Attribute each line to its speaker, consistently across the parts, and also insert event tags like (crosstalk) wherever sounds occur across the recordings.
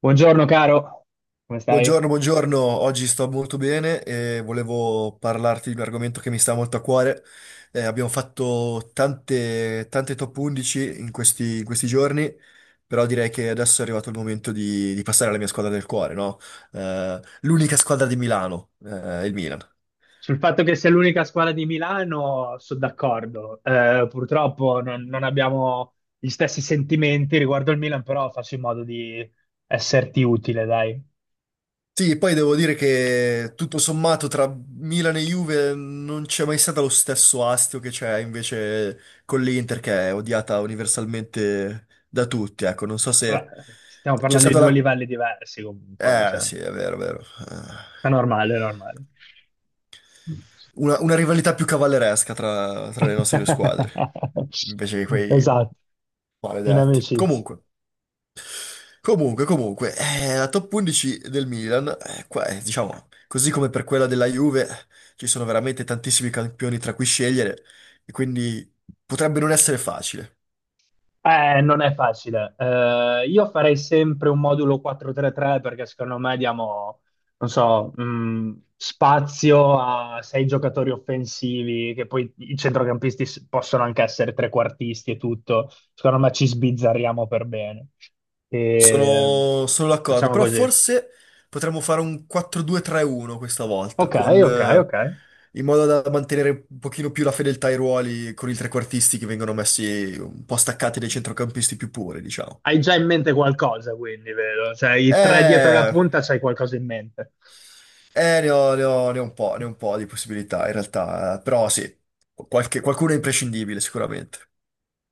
Speaker 1: Buongiorno caro, come stai?
Speaker 2: Buongiorno, buongiorno, oggi sto molto bene e volevo parlarti di un argomento che mi sta molto a cuore. Abbiamo fatto tante top 11 in questi giorni, però direi che adesso è arrivato il momento di passare alla mia squadra del cuore, no? L'unica squadra di Milano, il Milan.
Speaker 1: Sul fatto che sia l'unica squadra di Milano sono d'accordo. Purtroppo non abbiamo gli stessi sentimenti riguardo il Milan, però faccio in modo di esserti utile, dai.
Speaker 2: Sì, poi devo dire che tutto sommato tra Milan e Juve non c'è mai stato lo stesso astio che c'è invece con l'Inter, che è odiata universalmente da tutti. Ecco, non so se
Speaker 1: Vabbè, stiamo
Speaker 2: c'è
Speaker 1: parlando di
Speaker 2: stata
Speaker 1: due livelli diversi comunque,
Speaker 2: Eh
Speaker 1: cioè,
Speaker 2: sì, è vero, è vero. Eh,
Speaker 1: è normale, è normale.
Speaker 2: Una, una rivalità più cavalleresca tra le nostre due squadre,
Speaker 1: (laughs)
Speaker 2: invece che quei
Speaker 1: Esatto, in
Speaker 2: maledetti.
Speaker 1: amicizia.
Speaker 2: Comunque, la top 11 del Milan, qua, diciamo, così come per quella della Juve, ci sono veramente tantissimi campioni tra cui scegliere, e quindi potrebbe non essere facile.
Speaker 1: Non è facile. Io farei sempre un modulo 4-3-3 perché secondo me diamo, non so, spazio a sei giocatori offensivi, che poi i centrocampisti possono anche essere trequartisti e tutto. Secondo me ci sbizzarriamo per bene. E...
Speaker 2: Sono d'accordo,
Speaker 1: Facciamo
Speaker 2: però
Speaker 1: così.
Speaker 2: forse potremmo fare un 4-2-3-1 questa volta,
Speaker 1: Ok, ok.
Speaker 2: in modo da mantenere un pochino più la fedeltà ai ruoli con i trequartisti che vengono messi un po' staccati dai centrocampisti più puri, diciamo.
Speaker 1: Hai già in mente qualcosa, quindi, vedo. Cioè, i tre dietro la
Speaker 2: Eh...
Speaker 1: punta, c'hai qualcosa in mente.
Speaker 2: ne ho un po', ne ho un po' di possibilità in realtà, però sì, qualcuno è imprescindibile sicuramente.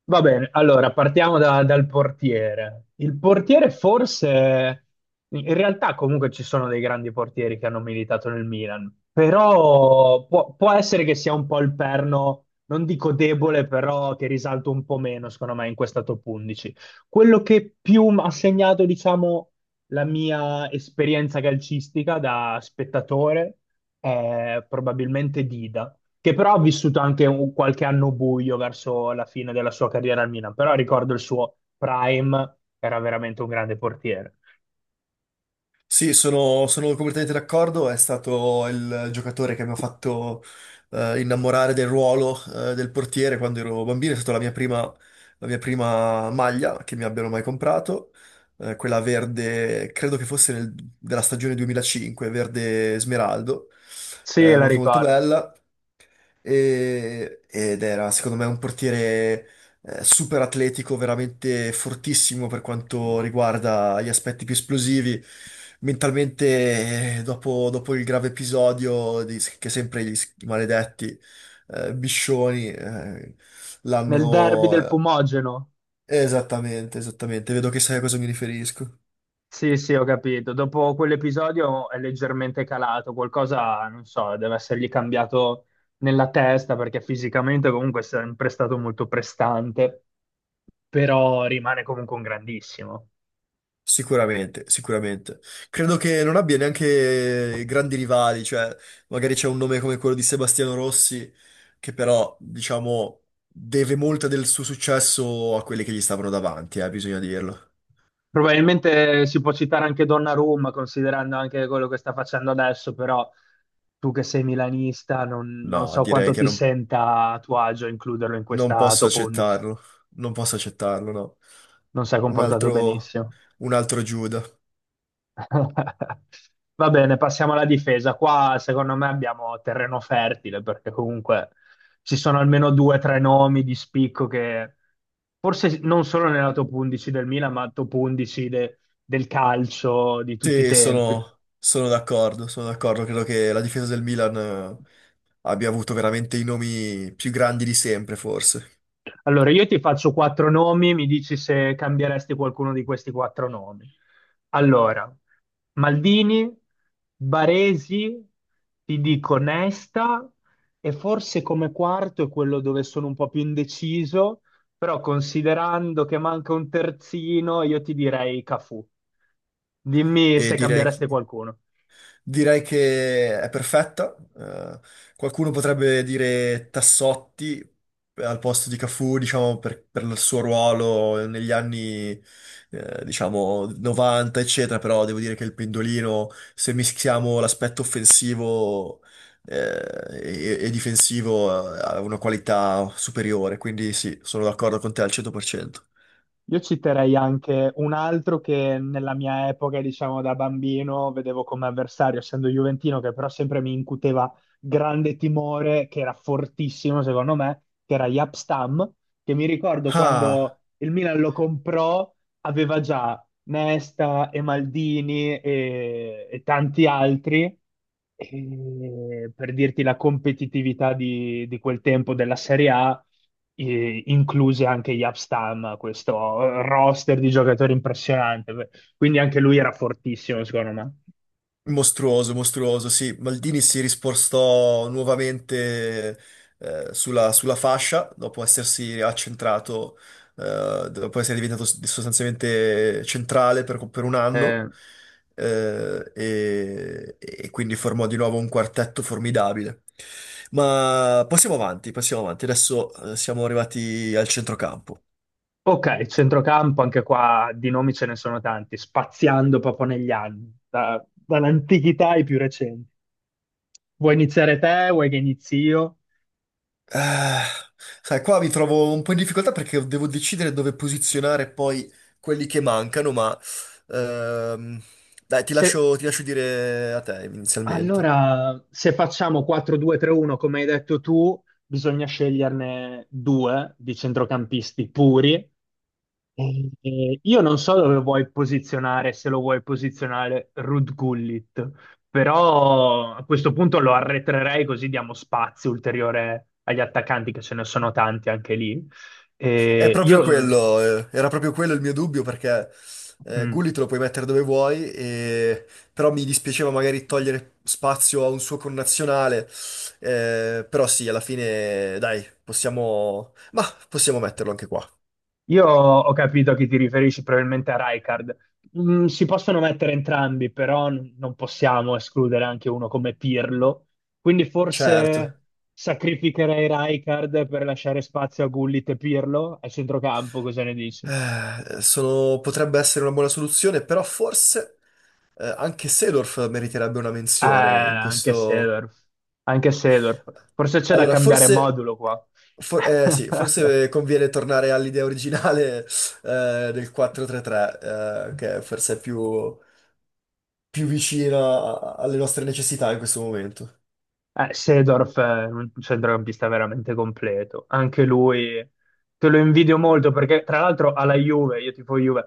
Speaker 1: Va bene, allora partiamo dal portiere. Il portiere forse, in realtà comunque ci sono dei grandi portieri che hanno militato nel Milan, però può essere che sia un po' il perno, non dico debole, però che risalta un po' meno, secondo me, in questa top 11. Quello che più ha segnato, diciamo, la mia esperienza calcistica da spettatore è probabilmente Dida, che però ha vissuto anche qualche anno buio verso la fine della sua carriera al Milan, però ricordo il suo prime, era veramente un grande portiere.
Speaker 2: Sì, sono completamente d'accordo, è stato il giocatore che mi ha fatto innamorare del ruolo del portiere quando ero bambino, è stata la mia prima maglia che mi abbiano mai comprato, quella verde, credo che fosse della stagione 2005, verde smeraldo,
Speaker 1: Sì, la
Speaker 2: molto molto
Speaker 1: ricordo.
Speaker 2: bella. Ed era secondo me un portiere super atletico, veramente fortissimo per quanto riguarda gli aspetti più esplosivi. Mentalmente, dopo il grave episodio che sempre i maledetti Biscioni eh,
Speaker 1: Nel derby
Speaker 2: l'hanno...
Speaker 1: del
Speaker 2: eh,
Speaker 1: Fumogeno.
Speaker 2: Esattamente, esattamente, vedo che sai a cosa mi riferisco.
Speaker 1: Sì, sì, ho capito. Dopo quell'episodio è leggermente calato, qualcosa, non so, deve essergli cambiato nella testa perché fisicamente comunque è sempre stato molto prestante, però rimane comunque un grandissimo.
Speaker 2: Sicuramente, sicuramente. Credo che non abbia neanche grandi rivali, cioè magari c'è un nome come quello di Sebastiano Rossi, che però, diciamo, deve molto del suo successo a quelli che gli stavano davanti, bisogna dirlo.
Speaker 1: Probabilmente si può citare anche Donnarumma, considerando anche quello che sta facendo adesso, però tu che sei milanista non
Speaker 2: No,
Speaker 1: so
Speaker 2: direi
Speaker 1: quanto
Speaker 2: che
Speaker 1: ti
Speaker 2: non,
Speaker 1: senta a tuo agio includerlo in
Speaker 2: non
Speaker 1: questa
Speaker 2: posso
Speaker 1: top 11.
Speaker 2: accettarlo. Non posso accettarlo, no.
Speaker 1: Non si è
Speaker 2: Un
Speaker 1: comportato
Speaker 2: altro,
Speaker 1: benissimo.
Speaker 2: un altro Giuda.
Speaker 1: (laughs) Va bene, passiamo alla difesa. Qua secondo me abbiamo terreno fertile perché comunque ci sono almeno due o tre nomi di spicco che forse non solo nella top 11 del Milan, ma top 11 del calcio di tutti i
Speaker 2: Sì,
Speaker 1: tempi.
Speaker 2: sono d'accordo, sono d'accordo, credo che la difesa del Milan abbia avuto veramente i nomi più grandi di sempre, forse.
Speaker 1: Allora, io ti faccio quattro nomi, mi dici se cambieresti qualcuno di questi quattro nomi. Allora, Maldini, Baresi, ti dico Nesta e forse come quarto è quello dove sono un po' più indeciso, però considerando che manca un terzino, io ti direi Cafù. Dimmi
Speaker 2: E
Speaker 1: se
Speaker 2: direi,
Speaker 1: cambieresti qualcuno.
Speaker 2: Direi che è perfetta. Qualcuno potrebbe dire Tassotti al posto di Cafù, diciamo, per il suo ruolo negli anni, diciamo, 90, eccetera, però devo dire che il pendolino, se mischiamo l'aspetto offensivo, eh, e difensivo, ha una qualità superiore, quindi sì, sono d'accordo con te al 100%.
Speaker 1: Io citerei anche un altro che nella mia epoca, diciamo da bambino, vedevo come avversario, essendo Juventino, che però sempre mi incuteva grande timore, che era fortissimo secondo me, che era Jaap Stam, che mi ricordo
Speaker 2: Ah.
Speaker 1: quando il Milan lo comprò, aveva già Nesta e Maldini e tanti altri. E per dirti la competitività di quel tempo della Serie A, incluse anche Yapstam, questo roster di giocatori impressionante. Quindi anche lui era fortissimo, secondo me.
Speaker 2: Mostruoso, mostruoso, sì. Maldini si rispostò nuovamente sulla fascia dopo essersi accentrato, dopo essere diventato sostanzialmente centrale per un anno
Speaker 1: Eh,
Speaker 2: eh, e, e quindi formò di nuovo un quartetto formidabile. Ma passiamo avanti, passiamo avanti. Adesso siamo arrivati al centrocampo.
Speaker 1: ok, centrocampo, anche qua di nomi ce ne sono tanti, spaziando proprio negli anni, dall'antichità ai più recenti. Vuoi iniziare te? Vuoi che inizi io?
Speaker 2: Eh, Sai, qua mi trovo un po' in difficoltà perché devo decidere dove posizionare poi quelli che mancano, ma ehm, dai,
Speaker 1: Se-
Speaker 2: ti lascio dire a te inizialmente.
Speaker 1: allora, se facciamo 4-2-3-1, come hai detto tu, bisogna sceglierne due di centrocampisti puri. Io non so dove vuoi posizionare, se lo vuoi posizionare Ruud Gullit, però a questo punto lo arretrerei così diamo spazio ulteriore agli attaccanti, che ce ne sono tanti anche lì.
Speaker 2: È
Speaker 1: Eh,
Speaker 2: proprio
Speaker 1: io,
Speaker 2: quello, eh, era proprio quello il mio dubbio perché
Speaker 1: mm,
Speaker 2: Gulli te lo puoi mettere dove vuoi, però mi dispiaceva magari togliere spazio a un suo connazionale, però sì, alla fine dai, possiamo metterlo anche qua.
Speaker 1: Io ho capito che ti riferisci probabilmente a Rijkaard. Mm, si possono mettere entrambi, però non possiamo escludere anche uno come Pirlo. Quindi
Speaker 2: Certo.
Speaker 1: forse sacrificherei Rijkaard per lasciare spazio a Gullit e Pirlo al centrocampo, cosa ne dici?
Speaker 2: Potrebbe essere una buona soluzione, però forse anche Seedorf meriterebbe una menzione in
Speaker 1: Anche
Speaker 2: questo...
Speaker 1: Seedorf. Anche Seedorf. Forse c'è da
Speaker 2: Allora,
Speaker 1: cambiare
Speaker 2: forse,
Speaker 1: modulo qua.
Speaker 2: for- eh, sì,
Speaker 1: (laughs)
Speaker 2: forse conviene tornare all'idea originale del 4-3-3, che forse è più, più vicina alle nostre necessità in questo momento.
Speaker 1: Seedorf è un centrocampista veramente completo, anche lui, te lo invidio molto perché tra l'altro alla Juve, io tifo Juve,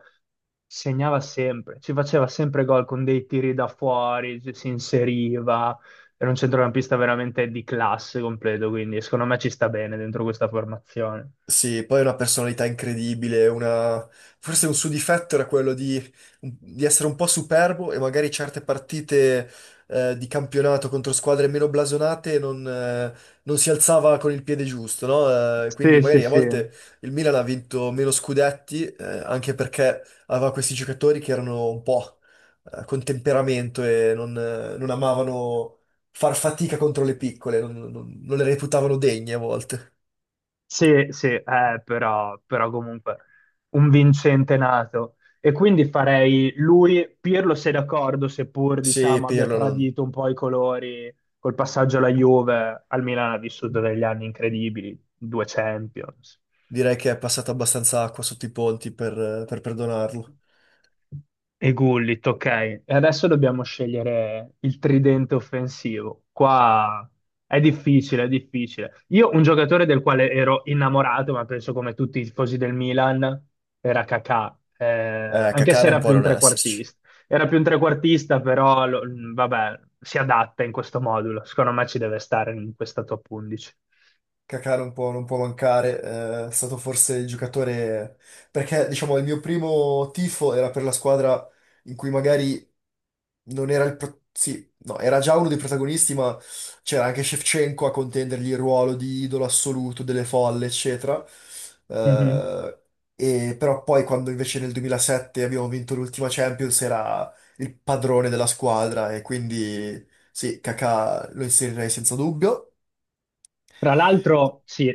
Speaker 1: segnava sempre, ci faceva sempre gol con dei tiri da fuori, si inseriva, era un centrocampista veramente di classe completo, quindi secondo me ci sta bene dentro questa formazione.
Speaker 2: Sì, poi è una personalità incredibile, una... forse un suo difetto era quello di essere un po' superbo e magari certe partite di campionato contro squadre meno blasonate non si alzava con il piede giusto, no? Quindi
Speaker 1: Sì, sì,
Speaker 2: magari a
Speaker 1: sì.
Speaker 2: volte il Milan ha vinto meno scudetti anche perché aveva questi giocatori che erano un po' con temperamento e non amavano far fatica contro le piccole, non le reputavano degne a volte.
Speaker 1: Sì, sì, però comunque un vincente nato. E quindi farei lui, Pirlo sei d'accordo, seppur
Speaker 2: Sì,
Speaker 1: diciamo abbia
Speaker 2: Pirlo non,
Speaker 1: tradito un po' i colori col passaggio alla Juve, al Milan ha vissuto degli anni incredibili, 2 Champions.
Speaker 2: Direi che è passata abbastanza acqua sotto i ponti per perdonarlo.
Speaker 1: E Gullit, ok. E adesso dobbiamo scegliere il tridente offensivo. Qua è difficile, è difficile. Io un giocatore del quale ero innamorato, ma penso come tutti i tifosi del Milan, era Kakà. Anche
Speaker 2: Kakà
Speaker 1: se
Speaker 2: non
Speaker 1: era
Speaker 2: può
Speaker 1: più un
Speaker 2: non esserci.
Speaker 1: trequartista. Era più un trequartista, però vabbè, si adatta in questo modulo. Secondo me ci deve stare in questa top 11.
Speaker 2: Kakà non può mancare, è stato forse il giocatore, perché diciamo il mio primo tifo era per la squadra in cui magari non era il... Sì, no, era già uno dei protagonisti, ma c'era anche Shevchenko a contendergli il ruolo di idolo assoluto delle folle, eccetera. Eh, e però poi quando invece nel 2007 abbiamo vinto l'ultima Champions era il padrone della squadra e quindi sì, Kakà lo inserirei senza dubbio.
Speaker 1: Tra l'altro, sì,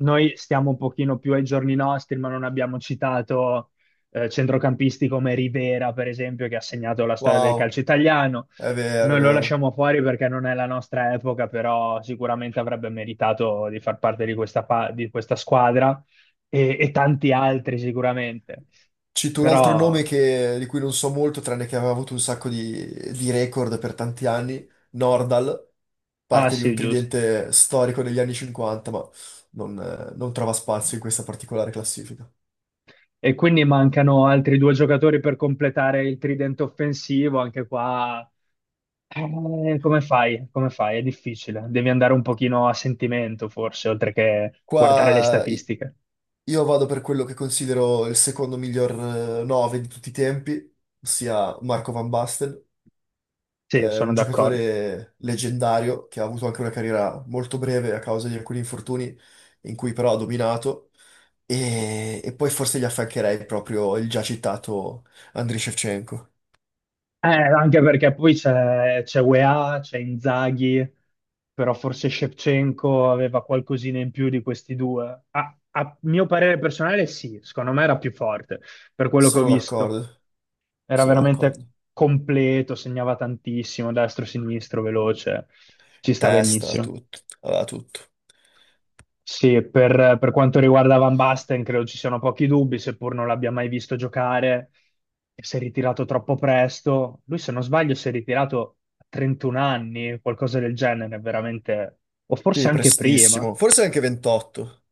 Speaker 1: noi stiamo un pochino più ai giorni nostri, ma non abbiamo citato centrocampisti come Rivera, per esempio, che ha segnato la storia del
Speaker 2: Wow.
Speaker 1: calcio italiano.
Speaker 2: È vero, è
Speaker 1: Noi lo
Speaker 2: vero.
Speaker 1: lasciamo fuori perché non è la nostra epoca, però sicuramente avrebbe meritato di far parte di questa, di questa squadra e tanti altri sicuramente.
Speaker 2: Cito un altro nome
Speaker 1: Però,
Speaker 2: di cui non so molto, tranne che aveva avuto un sacco di record per tanti anni, Nordal,
Speaker 1: ah
Speaker 2: parte di un
Speaker 1: sì, giusto.
Speaker 2: tridente storico degli anni 50, ma non trova spazio in questa particolare classifica.
Speaker 1: E quindi mancano altri due giocatori per completare il tridente offensivo, anche qua. Come fai? Come fai? È difficile. Devi andare un pochino a sentimento, forse, oltre che guardare le
Speaker 2: Qua i-
Speaker 1: statistiche.
Speaker 2: io vado per quello che considero il secondo miglior 9 di tutti i tempi, ossia Marco Van Basten,
Speaker 1: Sì, sono
Speaker 2: un
Speaker 1: d'accordo.
Speaker 2: giocatore leggendario che ha avuto anche una carriera molto breve a causa di alcuni infortuni in cui però ha dominato. E poi forse gli affiancherei proprio il già citato Andriy Shevchenko.
Speaker 1: Anche perché poi c'è UEA, c'è Inzaghi, però forse Shevchenko aveva qualcosina in più di questi due. A mio parere personale, sì, secondo me era più forte, per quello che ho
Speaker 2: Sono
Speaker 1: visto.
Speaker 2: d'accordo,
Speaker 1: Era
Speaker 2: sono d'accordo.
Speaker 1: veramente completo, segnava tantissimo, destro, sinistro, veloce. Ci sta
Speaker 2: Testa,
Speaker 1: benissimo.
Speaker 2: tutto, aveva tutto.
Speaker 1: Sì, per quanto riguarda Van Basten, credo ci siano pochi dubbi, seppur non l'abbia mai visto giocare, e si è ritirato troppo presto. Lui, se non sbaglio, si è ritirato a 31 anni, qualcosa del genere, veramente, o forse
Speaker 2: Sì,
Speaker 1: anche prima,
Speaker 2: prestissimo. Forse anche 28.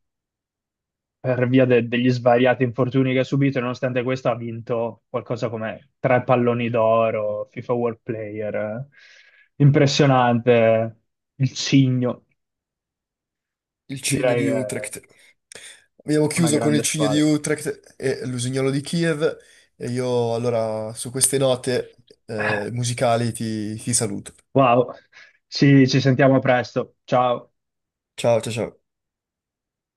Speaker 1: per via degli svariati infortuni che ha subito, e nonostante questo ha vinto qualcosa come 3 palloni d'oro, FIFA World Player. Impressionante, il cigno,
Speaker 2: Il cigno
Speaker 1: direi
Speaker 2: di
Speaker 1: che è
Speaker 2: Utrecht. Abbiamo
Speaker 1: una
Speaker 2: chiuso con il
Speaker 1: grande
Speaker 2: cigno di
Speaker 1: squadra.
Speaker 2: Utrecht e l'usignolo di Kiev. E io allora su queste note musicali ti saluto.
Speaker 1: Wow, ci ci sentiamo presto. Ciao.
Speaker 2: Ciao, ciao, ciao.